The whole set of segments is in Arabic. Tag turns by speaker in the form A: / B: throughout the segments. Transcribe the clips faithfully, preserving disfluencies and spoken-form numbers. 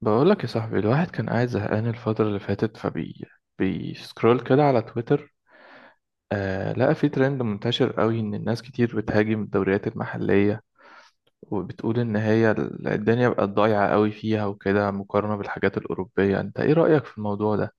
A: بقولك يا صاحبي، الواحد كان قاعد زهقان الفترة اللي فاتت، فبي بيسكرول كده على تويتر. آه لقى في ترند منتشر قوي إن الناس كتير بتهاجم الدوريات المحلية، وبتقول إن هي ال- الدنيا بقت ضايعة قوي فيها وكده مقارنة بالحاجات الأوروبية. أنت إيه رأيك في الموضوع ده؟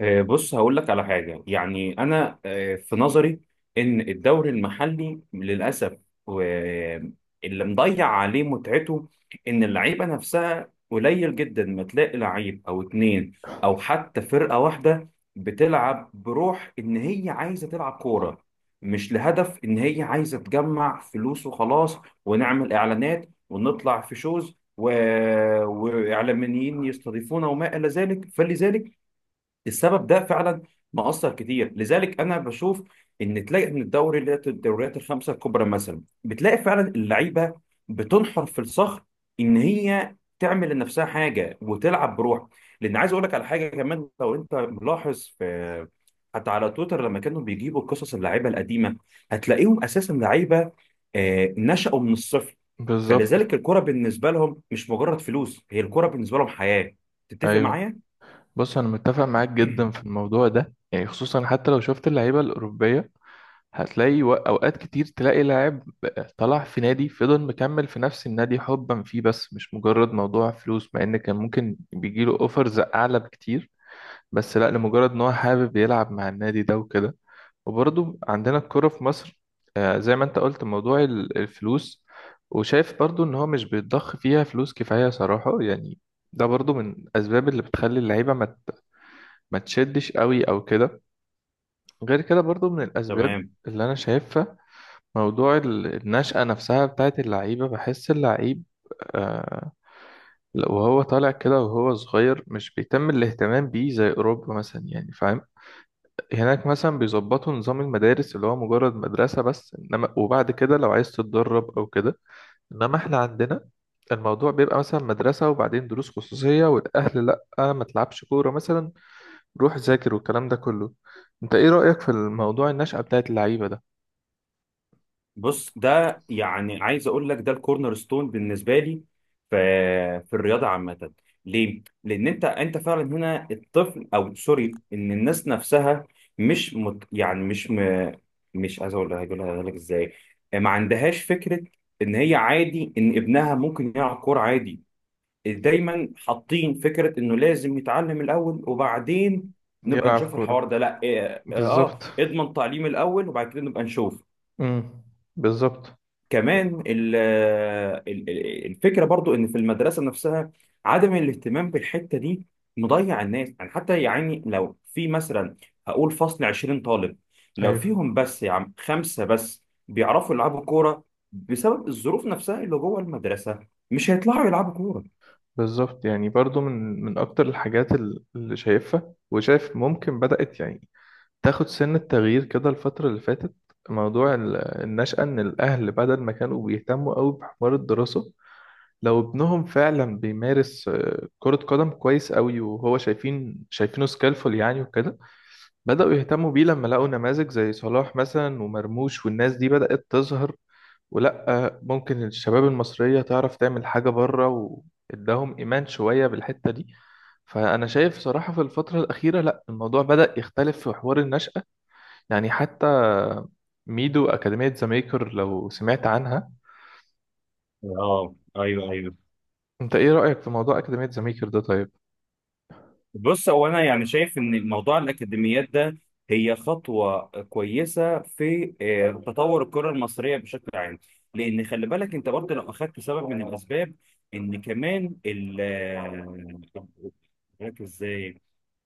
B: آه، بص، هقول لك على حاجة. يعني أنا آه، في نظري إن الدوري المحلي للأسف آه، اللي مضيع عليه متعته إن اللعيبة نفسها قليل جدا. ما تلاقي لعيب أو اتنين أو حتى فرقة واحدة بتلعب بروح إن هي عايزة تلعب كورة، مش لهدف إن هي عايزة تجمع فلوس وخلاص، ونعمل إعلانات ونطلع في شوز و... وإعلاميين يستضيفونا وما إلى ذلك. فلذلك السبب ده فعلا مأثر كتير، لذلك انا بشوف ان تلاقي من الدوري، اللي هي الدوريات الخمسه الكبرى مثلا، بتلاقي فعلا اللعيبه بتنحر في الصخر ان هي تعمل لنفسها حاجه وتلعب بروح. لان عايز اقول لك على حاجه كمان، لو انت ملاحظ، في حتى على تويتر لما كانوا بيجيبوا قصص اللعيبه القديمه، هتلاقيهم اساسا لعيبه آه، نشأوا من الصفر.
A: بالظبط.
B: فلذلك الكره بالنسبه لهم مش مجرد فلوس، هي الكره بالنسبه لهم حياه. تتفق
A: أيوه،
B: معايا؟
A: بص أنا متفق معاك جدا في الموضوع ده، يعني خصوصا حتى لو شفت اللعيبة الأوروبية هتلاقي و- اوقات كتير تلاقي لاعب طلع في نادي فضل مكمل في نفس النادي حبا فيه، بس مش مجرد موضوع فلوس، مع ان كان ممكن بيجيله اوفرز اعلى بكتير، بس لا، لمجرد ان هو حابب يلعب مع النادي ده وكده. وبرضه عندنا الكرة في مصر، آه، زي ما انت قلت، موضوع ال- الفلوس. وشايف برضه ان هو مش بيتضخ فيها فلوس كفاية صراحة، يعني ده برضه من الاسباب اللي بتخلي اللعيبة ما ت- ما تشدش قوي او كده. غير كده برضه من الاسباب
B: تمام.
A: اللي انا شايفها، موضوع ال- النشأة نفسها بتاعت اللعيبة. بحس اللعيب، آه وهو طالع كده وهو صغير، مش بيتم الاهتمام بيه زي أوروبا مثلا، يعني فاهم. هناك مثلا بيظبطوا نظام المدارس اللي هو مجرد مدرسة بس، إنما وبعد كده لو عايز تتدرب أو كده. إنما إحنا عندنا الموضوع بيبقى مثلا مدرسة وبعدين دروس خصوصية، والأهل لأ، ما تلعبش كورة مثلا، روح ذاكر والكلام ده كله. أنت إيه رأيك في الموضوع النشأة بتاعت اللعيبة ده؟
B: بص، ده يعني عايز اقول لك ده الكورنر ستون بالنسبه لي في في الرياضه عامه. ليه؟ لان انت انت فعلا هنا الطفل، او سوري، ان الناس نفسها مش مت يعني مش م... مش عايز اقول، هقولها لك ازاي، ما عندهاش فكره ان هي عادي ان ابنها ممكن يلعب كوره عادي. دايما حاطين فكره انه لازم يتعلم الاول وبعدين نبقى
A: يلعب
B: نشوف
A: كورة.
B: الحوار ده. لا، اه, آه
A: بالظبط.
B: اضمن تعليم الاول وبعد كده نبقى نشوف.
A: امم. بالظبط.
B: كمان ال- ال- ال- الفكره برضو ان في المدرسه نفسها عدم الاهتمام بالحته دي مضيع الناس، يعني حتى يعني لو في مثلا، هقول فصل 20 طالب، لو
A: ايوه
B: فيهم بس يا عم خمسه بس بيعرفوا يلعبوا كوره، بسبب الظروف نفسها اللي جوه المدرسه، مش هيطلعوا يلعبوا كوره.
A: بالظبط، يعني برضو من من اكتر الحاجات ال- اللي شايفها وشايف ممكن بدأت، يعني تاخد سن التغيير كده الفترة اللي فاتت، موضوع ال- النشأة. ان الاهل بدل ما كانوا بيهتموا قوي بحوار الدراسة، لو ابنهم فعلا بيمارس آه، كرة قدم كويس قوي وهو شايفين شايفينه سكيلفul يعني وكده، بدأوا يهتموا بيه لما لقوا نماذج زي صلاح مثلا ومرموش والناس دي بدأت تظهر، ولا ممكن الشباب المصرية تعرف تعمل حاجة بره، واداهم إيمان شوية بالحتة دي. فأنا شايف صراحة في الفترة الأخيرة لا، الموضوع بدأ يختلف في حوار النشأة، يعني حتى ميدو أكاديمية ذا ميكر لو سمعت عنها.
B: اه ايوه ايوه،
A: أنت إيه رأيك في موضوع أكاديمية ذا ميكر ده طيب؟
B: بص هو انا يعني شايف ان موضوع الاكاديميات ده هي خطوه كويسه في آه، تطور الكره المصريه بشكل عام. لان خلي بالك انت برضه، لو اخدت سبب من الاسباب، ان كمان ال آه، مش فاكر ازاي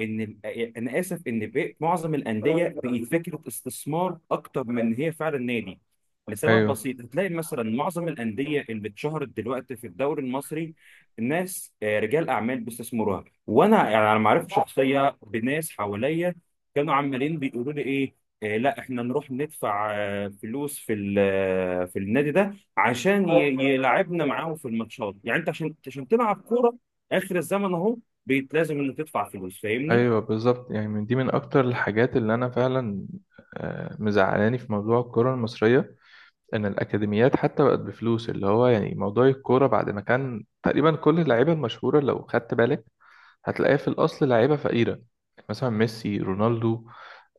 B: ان ال- انا اسف ان بقى- معظم الانديه بقت فكره استثمار اكتر من إن هي فعلا نادي. لسبب
A: أيوه.
B: بسيط، هتلاقي مثلا معظم الانديه اللي اتشهرت دلوقتي في الدوري المصري ناس آه، رجال اعمال بيستثمروها، وانا يعني على معرفه شخصيه بناس حواليا كانوا عمالين بيقولوا لي ايه آه، لا، احنا نروح ندفع آه، فلوس في ال- آه، في النادي ده عشان ي- يلعبنا معاهم في الماتشات، يعني انت عشان عشان تلعب كوره. اخر الزمن اهو. بيتلازم انك تدفع فلوس، فاهمني؟
A: أيوه بالظبط، يعني من دي من أكتر الحاجات اللي أنا فعلا آه، مزعلاني في موضوع الكرة المصرية، ان الاكاديميات حتى بقت بفلوس، اللي هو يعني موضوع الكوره بعد ما كان تقريبا كل اللعيبه المشهوره لو خدت بالك هتلاقيها في الاصل لعيبه فقيره، مثلا ميسي، رونالدو،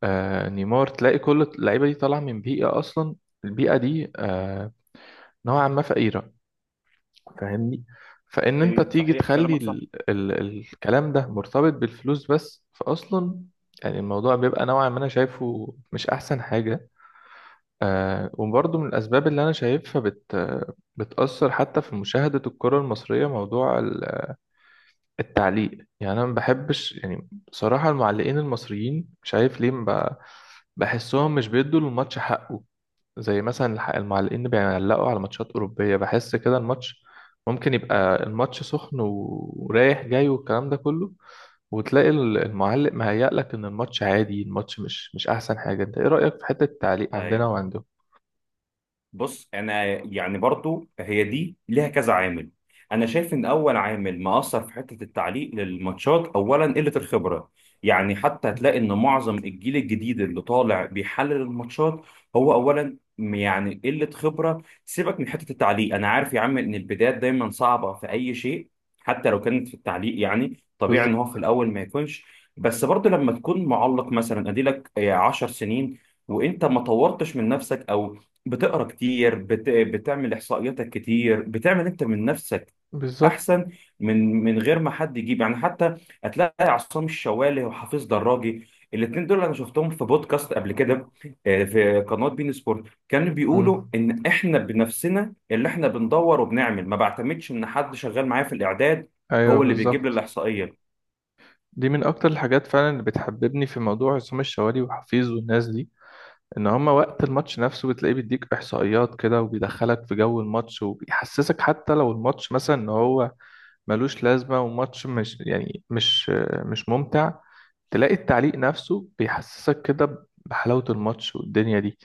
A: آه، نيمار، تلاقي كل اللعيبه دي طالعه من بيئه اصلا البيئه دي آه، نوعا ما فقيره، فاهمني. فان انت
B: ايوه
A: تيجي
B: صحيح
A: تخلي
B: كلامك صح.
A: ال ال الكلام ده مرتبط بالفلوس بس فاصلا، يعني الموضوع بيبقى نوعا ما انا شايفه مش احسن حاجه. آه وبرضه من الأسباب اللي أنا شايفها بت بتأثر حتى في مشاهدة الكرة المصرية، موضوع ال- التعليق. يعني أنا ما بحبش، يعني بصراحة المعلقين المصريين مش عارف ليه، ما ب- بحسهم مش بيدوا للماتش حقه. زي مثلا الح- المعلقين اللي بيعلقوا على ماتشات أوروبية بحس كده الماتش ممكن يبقى الماتش سخن و- ورايح جاي والكلام ده كله، وتلاقي ال- المعلق مهيأ لك إن الماتش عادي، الماتش مش مش أحسن حاجة. أنت إيه رأيك في حتة التعليق عندنا
B: ايوه،
A: وعندهم؟
B: بص انا يعني برضو هي دي ليها كذا عامل. انا شايف ان اول عامل مأثر في حتة التعليق للماتشات اولا قلة الخبرة. يعني حتى هتلاقي ان معظم الجيل الجديد اللي طالع بيحلل الماتشات هو اولا م- يعني قلة خبرة. سيبك من حتة التعليق، انا عارف يا عم ان البدايات دايما صعبة في اي شيء، حتى لو كانت في التعليق، يعني طبيعي ان هو
A: بالظبط.
B: في الاول ما يكونش. بس برضو لما تكون معلق مثلا، اديلك آه، 10 سنين وانت ما طورتش من نفسك، او بتقرا كتير، بت... بتعمل احصائياتك كتير، بتعمل انت من نفسك
A: بالظبط.
B: احسن، من من غير ما حد يجيب. يعني حتى هتلاقي عصام الشوالي وحفيظ دراجي، الاثنين دول انا شفتهم في بودكاست قبل كده آه، في قناه بين سبورت، كانوا بيقولوا
A: مم.
B: ان احنا بنفسنا اللي احنا بندور وبنعمل، ما بعتمدش ان حد شغال معايا في الاعداد،
A: ايوه
B: هو اللي بيجيب لي
A: بالظبط،
B: الاحصائيه.
A: دي من اكتر الحاجات فعلا اللي بتحببني في موضوع عصام الشوالي وحفيظ والناس دي، ان هما وقت الماتش نفسه بتلاقيه بيديك احصائيات كده وبيدخلك في جو الماتش وبيحسسك حتى لو الماتش مثلا ان هو ملوش لازمه وماتش مش، يعني مش مش ممتع، تلاقي التعليق نفسه بيحسسك كده بحلاوه الماتش والدنيا دي.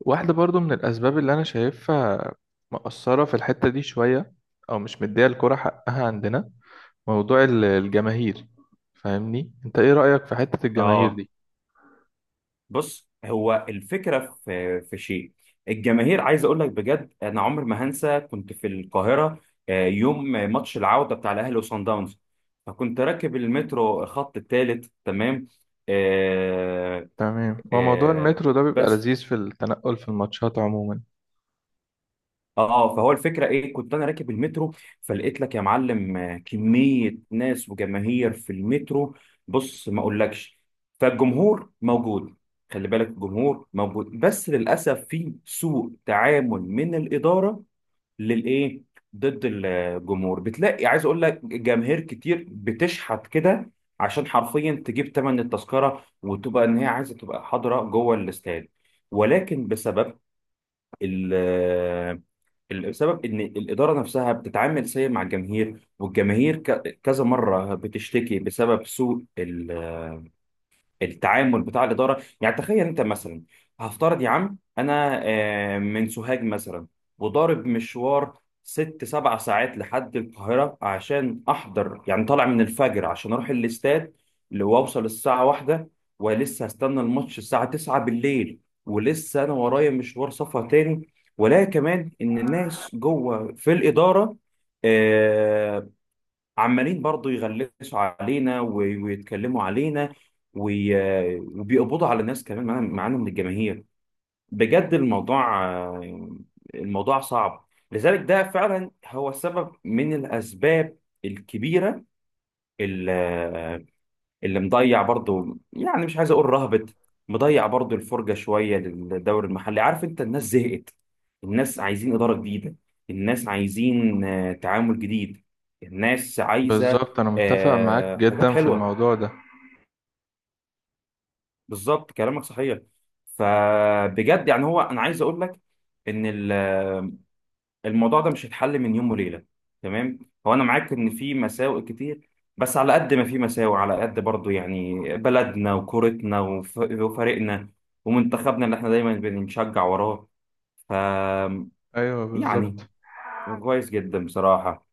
A: واحده برضو من الاسباب اللي انا شايفها مقصره في الحته دي شويه، او مش مديه الكره حقها عندنا، موضوع ال- الجماهير. فاهمني، انت ايه رأيك في حتة الجماهير
B: اه،
A: دي؟
B: بص هو الفكره في في شيء الجماهير. عايز اقول لك بجد، انا عمر ما هنسى كنت في القاهره آه، يوم ماتش العوده بتاع الاهلي وصن داونز، فكنت راكب المترو، الخط الثالث، تمام. آه
A: تمام، هو موضوع
B: آه
A: المترو ده بيبقى
B: بس
A: لذيذ في التنقل في الماتشات عموما.
B: اه فهو الفكره ايه، كنت انا راكب المترو، فلقيت لك يا معلم آه، كميه ناس وجماهير في المترو، بص ما اقولكش. فالجمهور موجود، خلي بالك، الجمهور موجود، بس للاسف في سوء تعامل من الاداره. للايه؟ ضد الجمهور. بتلاقي، عايز اقول لك، جماهير كتير بتشحت كده عشان حرفيا تجيب ثمن التذكره وتبقى ان هي عايزه تبقى حاضره جوه الاستاد، ولكن بسبب ال السبب ان الاداره نفسها بتتعامل سيء مع الجماهير، والجماهير ك- كذا مره بتشتكي بسبب سوء ال التعامل بتاع الاداره. يعني تخيل انت مثلا، هفترض يا عم انا آه، من سوهاج مثلا، وضارب مشوار ست سبع ساعات لحد القاهره عشان احضر، يعني طالع من الفجر عشان اروح الاستاد، اللي واوصل الساعه واحدة، ولسه هستنى الماتش الساعه تسعة بالليل، ولسه انا ورايا مشوار سفر تاني. ولا كمان ان الناس جوه في الاداره آه، عمالين برضو يغلسوا علينا وي- ويتكلموا علينا وي... وبيقبضوا على الناس كمان معانا معانا من الجماهير. بجد الموضوع آه، الموضوع صعب. لذلك ده فعلا هو سبب من الأسباب الكبيرة اللي مضيع برضو، يعني مش عايز اقول رهبت، مضيع برضو الفرجه شويه للدوري المحلي. عارف انت، الناس زهقت، الناس عايزين اداره جديده، الناس عايزين آه، تعامل جديد، الناس عايزه
A: بالظبط، انا متفق
B: آه،
A: معاك
B: حاجات
A: جدا في
B: حلوه.
A: الموضوع ده.
B: بالظبط كلامك صحيح. فبجد يعني هو انا عايز اقول لك ان ال الموضوع ده مش هيتحل من يوم وليله، تمام. هو انا معاك ان في مساوئ كتير، بس على قد ما في مساوئ على قد برضو، يعني بلدنا وكورتنا وف- وفريقنا ومنتخبنا اللي احنا دايما بنشجع وراه. ف
A: ايوه بالظبط.
B: يعني كويس جدا بصراحه،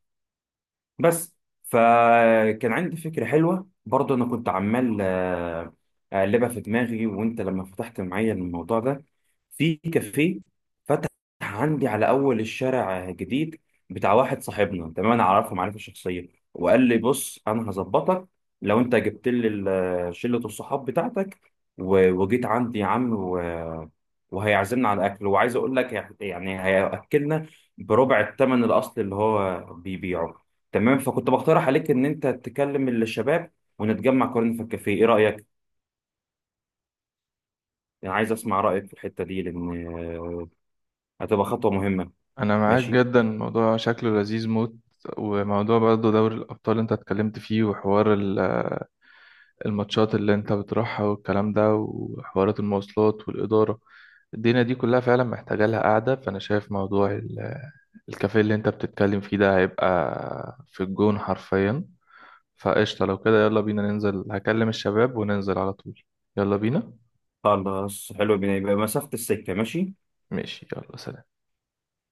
B: بس. فكان عندي فكرة حلوة برضه، أنا كنت عمال آه، أقلبها في دماغي، وأنت لما فتحت معايا الموضوع ده، في كافيه فتح عندي على أول الشارع جديد بتاع واحد صاحبنا، تمام. أنا أعرفه معرفة شخصية، وقال لي بص أنا هظبطك. لو أنت جبت لي ال- شلة الصحاب بتاعتك و- وجيت عندي يا عم، و- وهيعزمنا على أكل، وعايز أقول لك يعني هيأكلنا بربع الثمن الأصلي اللي هو بيبيعه، تمام. فكنت بقترح عليك ان انت تكلم الشباب ونتجمع قريب في الكافيه. ايه رايك؟ انا عايز اسمع رايك في الحته دي، لان آه، هتبقى خطوه مهمه.
A: انا معاك
B: ماشي.
A: جدا، الموضوع شكله لذيذ موت. وموضوع برضه دوري الابطال انت اتكلمت فيه، وحوار ال- الماتشات اللي انت بتروحها والكلام ده، وحوارات المواصلات والاداره، الدنيا دي كلها فعلا محتاجه لها قاعده. فانا شايف موضوع ال- الكافيه اللي انت بتتكلم فيه ده هيبقى في الجون حرفيا. فقشطة، لو كده يلا بينا ننزل، هكلم الشباب وننزل على طول. يلا بينا.
B: خلاص حلو، بيبقى مسافه السكه. ماشي.
A: ماشي، يلا سلام.